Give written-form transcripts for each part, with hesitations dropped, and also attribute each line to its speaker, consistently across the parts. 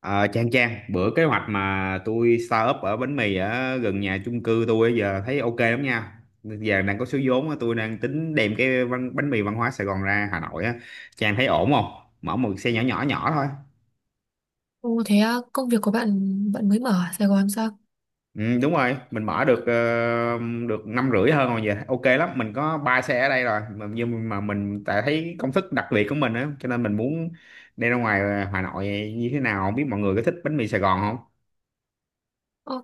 Speaker 1: Ờ, Trang Trang, bữa kế hoạch mà tôi start up ở bánh mì ở gần nhà chung cư tôi bây giờ thấy ok lắm nha. Giờ đang có số vốn á, tôi đang tính đem cái bánh mì văn hóa Sài Gòn ra Hà Nội á. Trang thấy ổn không? Mở một xe nhỏ nhỏ nhỏ thôi.
Speaker 2: Ồ thế á, công việc của bạn bạn mới mở ở Sài Gòn sao?
Speaker 1: Ừ, đúng rồi, mình mở được năm rưỡi hơn rồi giờ ok lắm. Mình có ba xe ở đây rồi, nhưng mà mình tại thấy công thức đặc biệt của mình á, cho nên mình muốn đem ra ngoài Hà Nội như thế nào. Không biết mọi người có thích bánh mì Sài Gòn không?
Speaker 2: Ồ,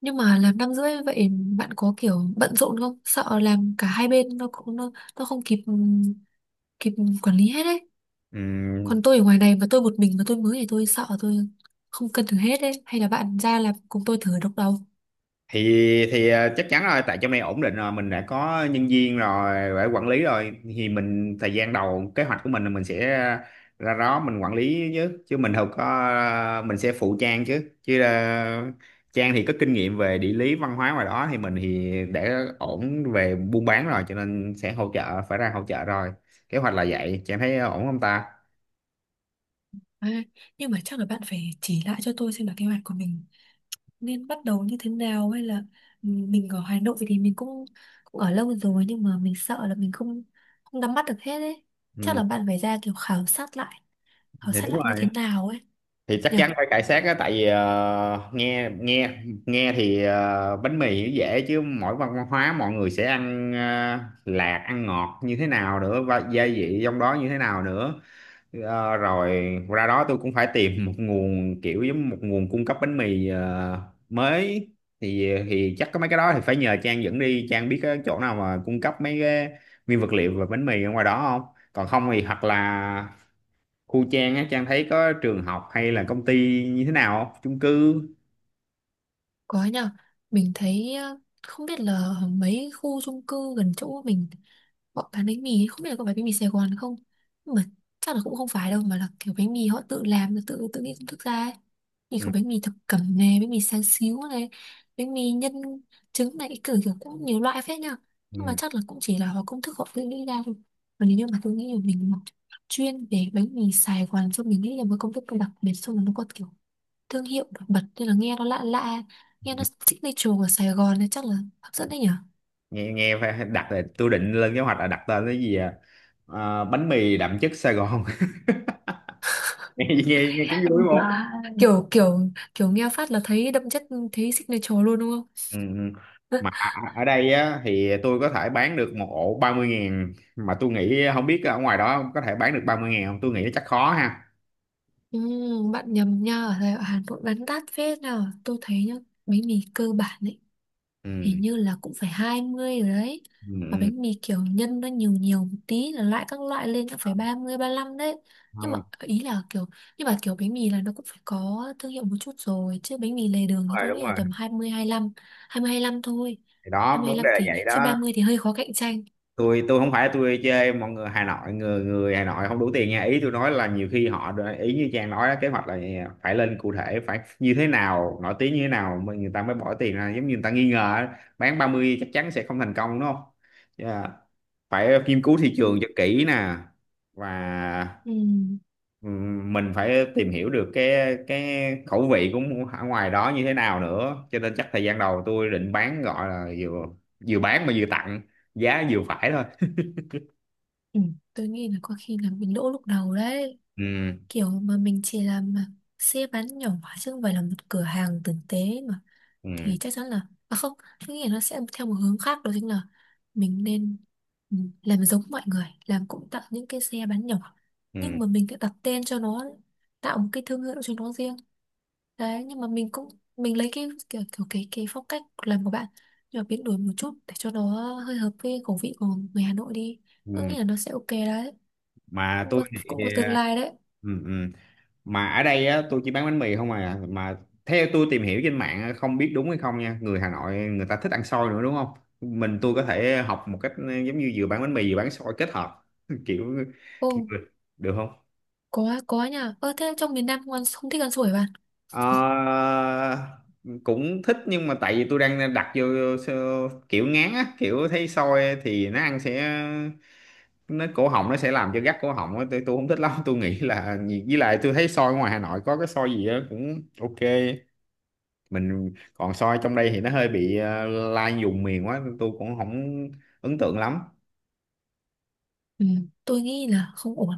Speaker 2: nhưng mà làm năm rưỡi vậy bạn có kiểu bận rộn không? Sợ làm cả hai bên nó không kịp kịp quản lý hết đấy.
Speaker 1: Ừ,
Speaker 2: Còn tôi ở ngoài này mà tôi một mình mà tôi mới thì tôi sợ tôi không cân được hết đấy. Hay là bạn ra làm cùng tôi thử độc đầu.
Speaker 1: thì thì chắc chắn rồi tại trong này ổn định rồi mình đã có nhân viên rồi đã quản lý rồi thì mình thời gian đầu kế hoạch của mình là mình sẽ ra đó mình quản lý chứ chứ mình không có mình sẽ phụ Trang chứ chứ là Trang thì có kinh nghiệm về địa lý văn hóa ngoài đó thì mình thì đã ổn về buôn bán rồi cho nên sẽ hỗ trợ phải ra hỗ trợ rồi kế hoạch là vậy Trang thấy ổn không ta.
Speaker 2: À, nhưng mà chắc là bạn phải chỉ lại cho tôi xem là kế hoạch của mình nên bắt đầu như thế nào, hay là mình ở Hà Nội thì mình cũng cũng ở lâu rồi, nhưng mà mình sợ là mình không không nắm bắt được hết ấy. Chắc
Speaker 1: Ừ,
Speaker 2: là bạn phải ra kiểu khảo sát lại, khảo
Speaker 1: thì
Speaker 2: sát
Speaker 1: đúng
Speaker 2: lại như
Speaker 1: rồi
Speaker 2: thế nào ấy
Speaker 1: thì chắc
Speaker 2: nhỉ.
Speaker 1: chắn phải cải xác á tại vì nghe nghe nghe thì bánh mì thì dễ chứ mỗi văn hóa mọi người sẽ ăn lạc ăn ngọt như thế nào nữa và gia vị trong đó như thế nào nữa. Ờ, rồi ra đó tôi cũng phải tìm một nguồn kiểu giống một nguồn cung cấp bánh mì mới thì chắc có mấy cái đó thì phải nhờ Trang dẫn đi Trang biết cái chỗ nào mà cung cấp mấy cái nguyên vật liệu và bánh mì ở ngoài đó không còn không thì hoặc là khu Trang á Trang thấy có trường học hay là công ty như thế nào không chung cư.
Speaker 2: Có nhờ, mình thấy không biết là mấy khu chung cư gần chỗ mình họ bán bánh mì, không biết là có phải bánh mì Sài Gòn không. Nhưng mà chắc là cũng không phải đâu, mà là kiểu bánh mì họ tự làm, rồi tự tự nghĩ công thức ra ấy. Thì
Speaker 1: Ừ.
Speaker 2: có bánh mì thập cẩm này, bánh mì sáng xíu này, bánh mì nhân trứng này, kiểu kiểu cũng nhiều loại phết nhờ. Nhưng mà
Speaker 1: Ừ.
Speaker 2: chắc là cũng chỉ là họ công thức họ tự nghĩ ra thôi. Còn nếu như mà tôi nghĩ là mình mà chuyên về bánh mì Sài Gòn, xong mình nghĩ là một công thức đặc biệt, xong rồi nó có kiểu thương hiệu đặc bật nên là nghe nó lạ lạ, nghe nó
Speaker 1: Ừ.
Speaker 2: signature của Sài Gòn này chắc là hấp dẫn đấy nhỉ.
Speaker 1: nghe nghe phải đặt là tôi định lên kế hoạch là đặt tên cái gì à? Ờ, bánh mì đậm chất Sài Gòn nghe cũng vui một.
Speaker 2: Dạ. kiểu kiểu kiểu nghe phát là thấy đậm chất, thấy signature luôn đúng không.
Speaker 1: Ừ. Ừ. Mà ở đây á thì tôi có thể bán được một ổ 30.000 mà tôi nghĩ không biết ở ngoài đó có thể bán được 30.000 không tôi nghĩ chắc khó ha.
Speaker 2: Ừ, bạn nhầm nha, ở Hà Nội bán đắt phết nào tôi thấy nhá. Bánh mì cơ bản ấy
Speaker 1: Ừ.
Speaker 2: hình như là cũng phải 20 rồi đấy,
Speaker 1: Ừ.
Speaker 2: và
Speaker 1: Ừ.
Speaker 2: bánh mì kiểu nhân nó nhiều nhiều một tí là lại các loại lên cũng phải 30 lăm đấy.
Speaker 1: Không
Speaker 2: nhưng mà
Speaker 1: đúng
Speaker 2: ý là kiểu nhưng mà kiểu bánh mì là nó cũng phải có thương hiệu một chút rồi, chứ bánh mì lề đường thì
Speaker 1: rồi
Speaker 2: tôi
Speaker 1: đúng
Speaker 2: nghĩ là
Speaker 1: rồi
Speaker 2: tầm 20 lăm thôi.
Speaker 1: thì đó
Speaker 2: 20
Speaker 1: vấn
Speaker 2: lăm
Speaker 1: đề là
Speaker 2: thì
Speaker 1: vậy
Speaker 2: chứ
Speaker 1: đó.
Speaker 2: 30 thì hơi khó cạnh tranh.
Speaker 1: Tôi không phải tôi chơi mọi người Hà Nội người người Hà Nội không đủ tiền nha ý tôi nói là nhiều khi họ ý như Trang nói đó, kế hoạch là phải lên cụ thể phải như thế nào nổi tiếng như thế nào mà người ta mới bỏ tiền ra giống như người ta nghi ngờ á, bán 30 chắc chắn sẽ không thành công đúng không. Yeah. Phải nghiên cứu thị trường cho kỹ nè và
Speaker 2: Ừ.
Speaker 1: mình phải tìm hiểu được cái khẩu vị của ở ngoài đó như thế nào nữa cho nên chắc thời gian đầu tôi định bán gọi là vừa vừa bán mà vừa tặng giá vừa phải thôi.
Speaker 2: Ừ. Tôi nghĩ là có khi là mình lỗ lúc đầu đấy,
Speaker 1: Ừ.
Speaker 2: kiểu mà mình chỉ làm mà xe bán nhỏ chứ không phải là một cửa hàng tử tế mà
Speaker 1: Ừ,
Speaker 2: thì chắc chắn là, à không, tôi nghĩ là nó sẽ theo một hướng khác, đó chính là mình nên làm giống mọi người làm, cũng tạo những cái xe bán nhỏ nhưng
Speaker 1: ừ,
Speaker 2: mà mình sẽ đặt tên cho nó, tạo một cái thương hiệu cho nó riêng đấy. Nhưng mà mình cũng mình lấy cái kiểu, kiểu cái phong cách làm của bạn nhưng mà biến đổi một chút để cho nó hơi hợp với khẩu vị của người Hà Nội đi. Tôi
Speaker 1: ừ.
Speaker 2: nghĩ là nó sẽ ok đấy,
Speaker 1: Mà
Speaker 2: cũng
Speaker 1: tôi
Speaker 2: có
Speaker 1: thì
Speaker 2: tương
Speaker 1: ờ,
Speaker 2: lai đấy.
Speaker 1: ừ, ừ. Mà ở đây á tôi chỉ bán bánh mì không à mà theo tôi tìm hiểu trên mạng á, không biết đúng hay không nha người Hà Nội người ta thích ăn xôi nữa đúng không mình tôi có thể học một cách giống như vừa bán bánh mì vừa bán xôi kết hợp kiểu
Speaker 2: Ô,
Speaker 1: được không.
Speaker 2: có nha. Ơ thế trong miền Nam không, ăn, không thích ăn sủi bạn.
Speaker 1: Ờ, cũng thích nhưng mà tại vì tôi đang đặt vô kiểu ngán á kiểu thấy xôi thì nó ăn sẽ nó cổ họng nó sẽ làm cho gắt cổ họng á tôi không thích lắm tôi nghĩ là với lại tôi thấy soi ngoài Hà Nội có cái soi gì á cũng ok mình còn soi trong đây thì nó hơi bị lai vùng miền quá tôi cũng không ấn tượng lắm.
Speaker 2: Ừ, tôi nghĩ là không ổn.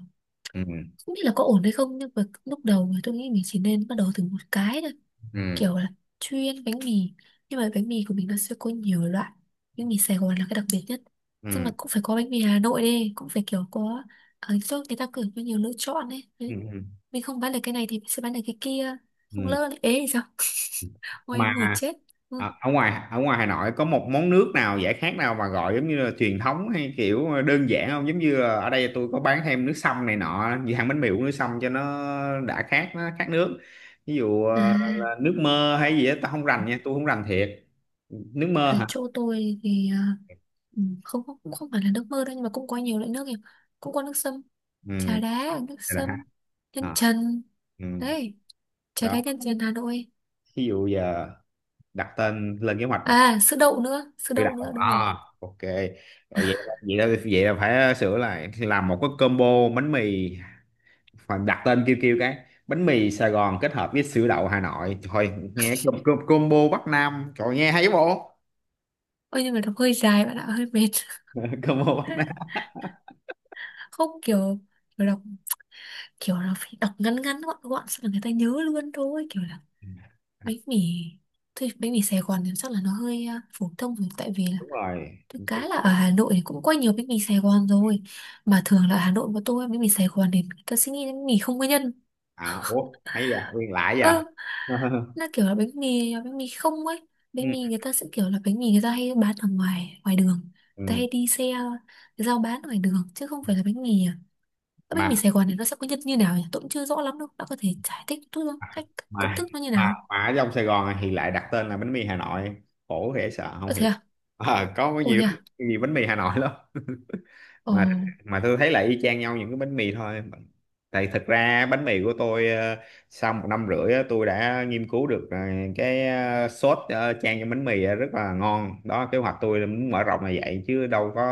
Speaker 1: Ừ.
Speaker 2: Không biết là có ổn hay không, nhưng mà lúc đầu thì tôi nghĩ mình chỉ nên bắt đầu từ một cái thôi,
Speaker 1: Ừ.
Speaker 2: kiểu là chuyên bánh mì, nhưng mà bánh mì của mình nó sẽ có nhiều loại. Bánh mì Sài Gòn là cái đặc biệt nhất, xong
Speaker 1: Ừ.
Speaker 2: mà cũng phải có bánh mì Hà Nội đi, cũng phải kiểu có ở chỗ người ta cử có nhiều lựa chọn ấy.
Speaker 1: Ừ,
Speaker 2: Đấy.
Speaker 1: ừ.
Speaker 2: Mình không bán được cái này thì mình sẽ bán được cái kia, không
Speaker 1: Ừ.
Speaker 2: lỡ lại ế thì sao. Ôi em ngồi
Speaker 1: Mà
Speaker 2: chết. Ừ.
Speaker 1: Ờ, ở ngoài Hà Nội có một món nước nào giải khát nào mà gọi giống như là truyền thống hay kiểu đơn giản không giống như là ở đây tôi có bán thêm nước sâm này nọ như hàng bánh mì uống nước sâm cho nó đã khát nó khát nước ví dụ
Speaker 2: À.
Speaker 1: là nước mơ hay gì đó tao không rành nha tôi không rành thiệt. Nước mơ
Speaker 2: Ở
Speaker 1: hả?
Speaker 2: chỗ tôi thì không không, cũng không phải là nước mơ đâu, nhưng mà cũng có nhiều loại nước nhỉ. Cũng có nước sâm,
Speaker 1: Ừ,
Speaker 2: trà đá nước
Speaker 1: đây là ha.
Speaker 2: sâm, nhân
Speaker 1: Ờ,
Speaker 2: trần
Speaker 1: ừ.
Speaker 2: đấy, trà đá
Speaker 1: Đó
Speaker 2: nhân trần Hà Nội.
Speaker 1: ví dụ giờ đặt tên lên kế hoạch đặt
Speaker 2: À, sữa đậu nữa, sữa
Speaker 1: chữ đặt
Speaker 2: đậu nữa đúng rồi.
Speaker 1: à ok rồi vậy vậy là phải sửa lại làm một cái combo bánh mì. Phải đặt tên kêu kêu cái bánh mì Sài Gòn kết hợp với sữa đậu Hà Nội thôi nghe combo Bắc Nam trời nghe hay bộ.
Speaker 2: Ôi nhưng mà đọc hơi dài bạn ạ, hơi mệt.
Speaker 1: Combo Bắc Nam.
Speaker 2: Không kiểu, kiểu đọc kiểu là phải đọc ngắn ngắn gọn gọn sao là người ta nhớ luôn thôi. Kiểu là bánh mì thôi. Bánh mì Sài Gòn thì chắc là nó hơi phổ thông rồi, tại vì là
Speaker 1: Đúng rồi.
Speaker 2: thực cá là ở Hà Nội thì cũng quay nhiều bánh mì Sài Gòn rồi. Mà thường là ở Hà Nội mà tôi ăn bánh mì Sài Gòn thì người ta sẽ nghĩ đến bánh mì không có nhân.
Speaker 1: À, ủa hay giờ nguyên lại
Speaker 2: Ơ,
Speaker 1: giờ.
Speaker 2: nó kiểu là bánh mì không ấy.
Speaker 1: Ừ.
Speaker 2: Bánh mì người ta sẽ kiểu là bánh mì người ta hay bán ở ngoài ngoài đường. Người ta
Speaker 1: Ừ.
Speaker 2: hay đi xe, giao bán ngoài đường, chứ không phải là bánh mì à. Cái bánh mì
Speaker 1: mà
Speaker 2: Sài Gòn này nó sẽ có nhân như nào nhỉ? Tôi cũng chưa rõ lắm đâu. Bạn có thể giải thích chút không? Cách công
Speaker 1: mà
Speaker 2: thức nó như
Speaker 1: mà
Speaker 2: nào?
Speaker 1: mà ở trong Sài Gòn thì lại đặt tên là bánh mì Hà Nội khổ dễ sợ
Speaker 2: Ơ
Speaker 1: không
Speaker 2: thế
Speaker 1: hiệp.
Speaker 2: à?
Speaker 1: À, có
Speaker 2: Ồ
Speaker 1: nhiều
Speaker 2: thế
Speaker 1: lắm
Speaker 2: à?
Speaker 1: nhiều bánh mì Hà Nội lắm.
Speaker 2: Ờ.
Speaker 1: mà mà tôi thấy là y chang nhau những cái bánh mì thôi tại thật ra bánh mì của tôi sau 1,5 năm á, tôi đã nghiên cứu được cái sốt chan cho bánh mì á, rất là ngon đó kế hoạch tôi là muốn mở rộng là vậy chứ đâu có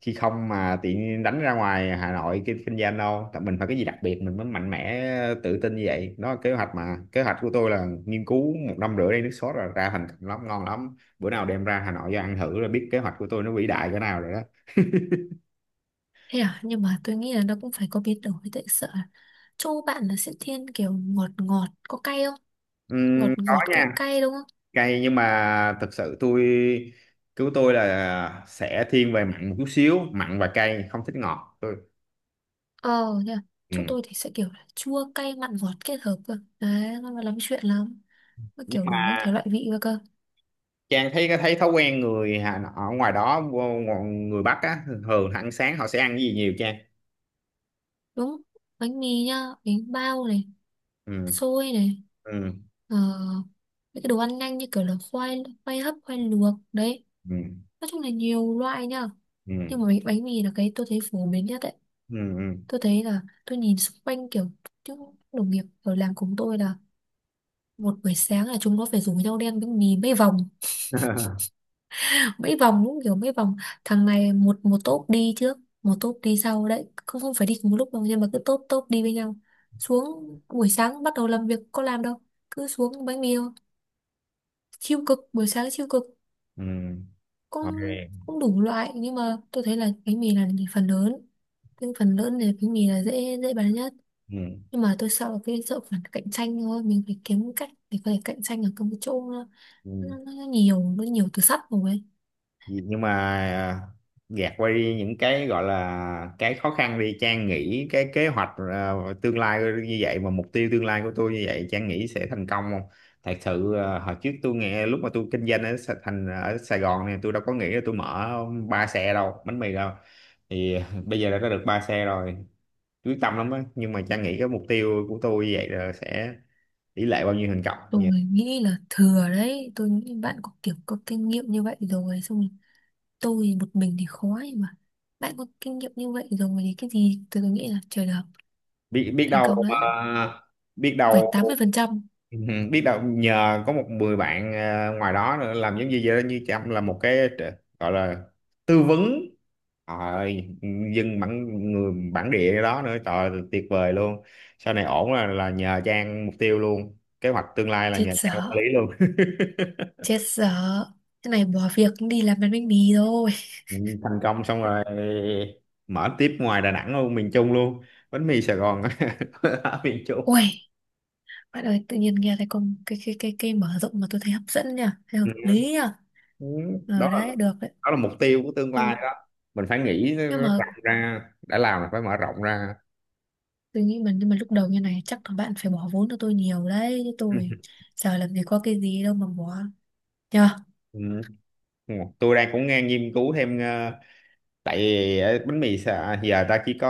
Speaker 1: khi không mà tiện đánh ra ngoài Hà Nội kinh kinh doanh đâu tại mình phải cái gì đặc biệt mình mới mạnh mẽ tự tin như vậy đó kế hoạch mà kế hoạch của tôi là nghiên cứu 1,5 năm đây nước sốt là ra thành công lắm ngon lắm bữa nào đem ra Hà Nội cho ăn thử là biết kế hoạch của tôi nó vĩ đại cỡ nào rồi đó.
Speaker 2: Thế à, nhưng mà tôi nghĩ là nó cũng phải có biến đổi, tại sợ là chỗ bạn là sẽ thiên kiểu ngọt ngọt, có cay không? Ngọt
Speaker 1: Có
Speaker 2: ngọt
Speaker 1: nha.
Speaker 2: cay cay đúng không?
Speaker 1: Cay nhưng mà thực sự tôi cứu tôi là sẽ thiên về mặn một chút xíu mặn và cay không thích ngọt tôi.
Speaker 2: Ờ nha.
Speaker 1: Ừ.
Speaker 2: Chỗ tôi thì sẽ kiểu là chua cay mặn ngọt kết hợp cơ. Đấy, nó mà lắm chuyện lắm. Nó
Speaker 1: Nhưng
Speaker 2: kiểu đủ các
Speaker 1: mà
Speaker 2: thể loại vị cơ cơ.
Speaker 1: Trang thấy thấy thói quen người Hà Nội- ở ngoài đó người Bắc á thường ăn sáng họ sẽ ăn cái gì nhiều Trang.
Speaker 2: Đúng. Bánh mì nhá, bánh bao này,
Speaker 1: Ừ.
Speaker 2: xôi này,
Speaker 1: Ừ.
Speaker 2: ờ, những cái đồ ăn nhanh như kiểu là khoai khoai hấp, khoai luộc đấy.
Speaker 1: Ừ.
Speaker 2: Nói chung là nhiều loại nhá.
Speaker 1: Ừ.
Speaker 2: Nhưng mà bánh mì là cái tôi thấy phổ biến nhất đấy.
Speaker 1: Ừ. Ừ.
Speaker 2: Tôi thấy là tôi nhìn xung quanh kiểu những đồng nghiệp ở làng cùng tôi là một buổi sáng là chúng nó phải rủ nhau đen bánh mì mấy vòng. Mấy vòng đúng kiểu mấy vòng, thằng này một một tốp đi trước một tốp đi sau đấy, không không phải đi cùng một lúc đâu, nhưng mà cứ tốp tốp đi với nhau. Xuống buổi sáng bắt đầu làm việc có làm đâu, cứ xuống bánh mì thôi. Siêu cực buổi sáng siêu cực.
Speaker 1: Ừ. Ok.
Speaker 2: Cũng cũng đủ loại, nhưng mà tôi thấy là bánh mì là phần lớn, cái phần lớn thì bánh mì là dễ dễ bán nhất.
Speaker 1: Ừ.
Speaker 2: Nhưng mà tôi sợ cái sợ phần cạnh tranh thôi, mình phải kiếm cách để có thể cạnh tranh ở cái chỗ nó,
Speaker 1: Ừ.
Speaker 2: nó, nó nhiều nó nhiều từ sắt rồi ấy.
Speaker 1: Nhưng mà à, gạt qua đi những cái gọi là cái khó khăn đi Trang nghĩ cái kế hoạch à, tương lai như vậy mà mục tiêu tương lai của tôi như vậy Trang nghĩ sẽ thành công không? Thật sự à, hồi trước tôi nghe lúc mà tôi kinh doanh ở thành ở Sài Gòn này tôi đâu có nghĩ là tôi mở ba xe đâu bánh mì đâu thì bây giờ đã có được ba xe rồi quyết tâm lắm á nhưng mà Trang nghĩ cái mục tiêu của tôi như vậy là sẽ tỷ lệ bao nhiêu thành công
Speaker 2: Tôi
Speaker 1: nhỉ.
Speaker 2: nghĩ là thừa đấy, tôi nghĩ bạn có kiểu có kinh nghiệm như vậy rồi, xong rồi tôi một mình thì khó ấy mà. Bạn có kinh nghiệm như vậy rồi thì cái gì tôi nghĩ là trời được,
Speaker 1: Biết biết
Speaker 2: thành
Speaker 1: đâu.
Speaker 2: công đấy,
Speaker 1: À, biết
Speaker 2: phải tám
Speaker 1: đâu.
Speaker 2: mươi phần trăm
Speaker 1: Ừ, biết đâu nhờ có một 10 bạn ngoài đó nữa làm giống như vậy đó, như Trâm là một cái gọi là tư vấn trời ơi dân bản người bản địa đó nữa trời ơi, tuyệt vời luôn sau này ổn là nhờ Trang mục tiêu luôn kế hoạch tương lai là
Speaker 2: Chết
Speaker 1: nhờ Trang
Speaker 2: dở,
Speaker 1: quản lý luôn.
Speaker 2: chết dở, cái này bỏ việc đi làm bánh bánh mì rồi.
Speaker 1: Ừ, thành công xong rồi mở tiếp ngoài Đà Nẵng luôn miền Trung luôn bánh mì Sài Gòn. Ở miền Trung.
Speaker 2: Ui bạn ơi, tự nhiên nghe thấy con cái mở rộng mà tôi thấy hấp dẫn nha, thấy hợp
Speaker 1: Ừ,
Speaker 2: lý nha.
Speaker 1: Ừ, đó
Speaker 2: Ờ
Speaker 1: là
Speaker 2: đấy, được đấy.
Speaker 1: đó là mục tiêu của tương lai
Speaker 2: Nhưng
Speaker 1: đó mình phải nghĩ nó
Speaker 2: nhưng mà
Speaker 1: rộng ra đã làm là phải mở rộng ra.
Speaker 2: tôi nghĩ mà nhưng mà lúc đầu như này chắc là bạn phải bỏ vốn cho tôi nhiều đấy, chứ tôi giờ làm gì có cái gì đâu mà bỏ. Nhờ.
Speaker 1: Ừ. Ừ. Tôi đang cũng nghe nghiên cứu thêm tại vì bánh mì giờ ta chỉ có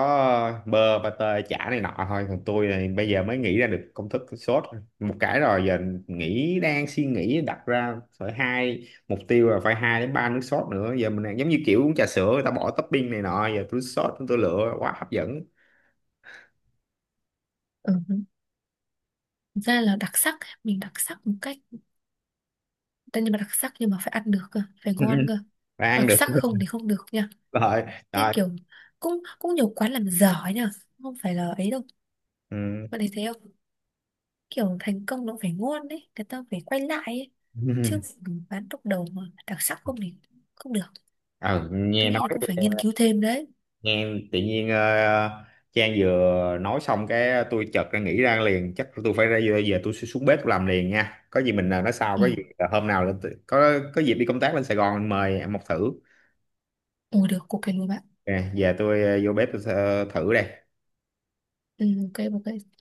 Speaker 1: bơ pate chả này nọ thôi còn tôi này bây giờ mới nghĩ ra được công thức sốt một cái rồi giờ nghĩ đang suy nghĩ đặt ra phải hai mục tiêu là phải hai đến ba nước sốt nữa giờ mình đang giống như kiểu uống trà sữa người ta bỏ topping này nọ giờ tôi sốt tôi lựa quá hấp dẫn.
Speaker 2: Ừ. Thực ra là đặc sắc, mình đặc sắc một cách, tất nhiên mà đặc sắc nhưng mà phải ăn được cơ, phải ngon cơ.
Speaker 1: Và ăn
Speaker 2: Đặc
Speaker 1: được.
Speaker 2: sắc không thì không được nha.
Speaker 1: Rồi.
Speaker 2: Thế
Speaker 1: Rồi.
Speaker 2: kiểu cũng cũng nhiều quán làm dở ấy nha, không phải là ấy đâu.
Speaker 1: Ừ.
Speaker 2: Bạn thấy thế không? Kiểu thành công nó phải ngon đấy, người ta phải quay lại ấy chứ, bán lúc đầu mà đặc sắc không thì không được.
Speaker 1: Ừ, nghe
Speaker 2: Tôi
Speaker 1: nói
Speaker 2: nghĩ là cũng phải nghiên cứu thêm đấy.
Speaker 1: nghe tự nhiên Trang vừa nói xong cái tôi chợt ra nghĩ ra liền chắc tôi phải ra giờ tôi sẽ xuống bếp tôi làm liền nha có gì mình nói sau
Speaker 2: Ừ.
Speaker 1: có gì hôm nào lên có dịp đi công tác lên Sài Gòn mời em một thử.
Speaker 2: Ồ được cục cái lúa bạn.
Speaker 1: Ok, giờ tôi vô bếp tôi thử đây.
Speaker 2: Ừ, ok ok.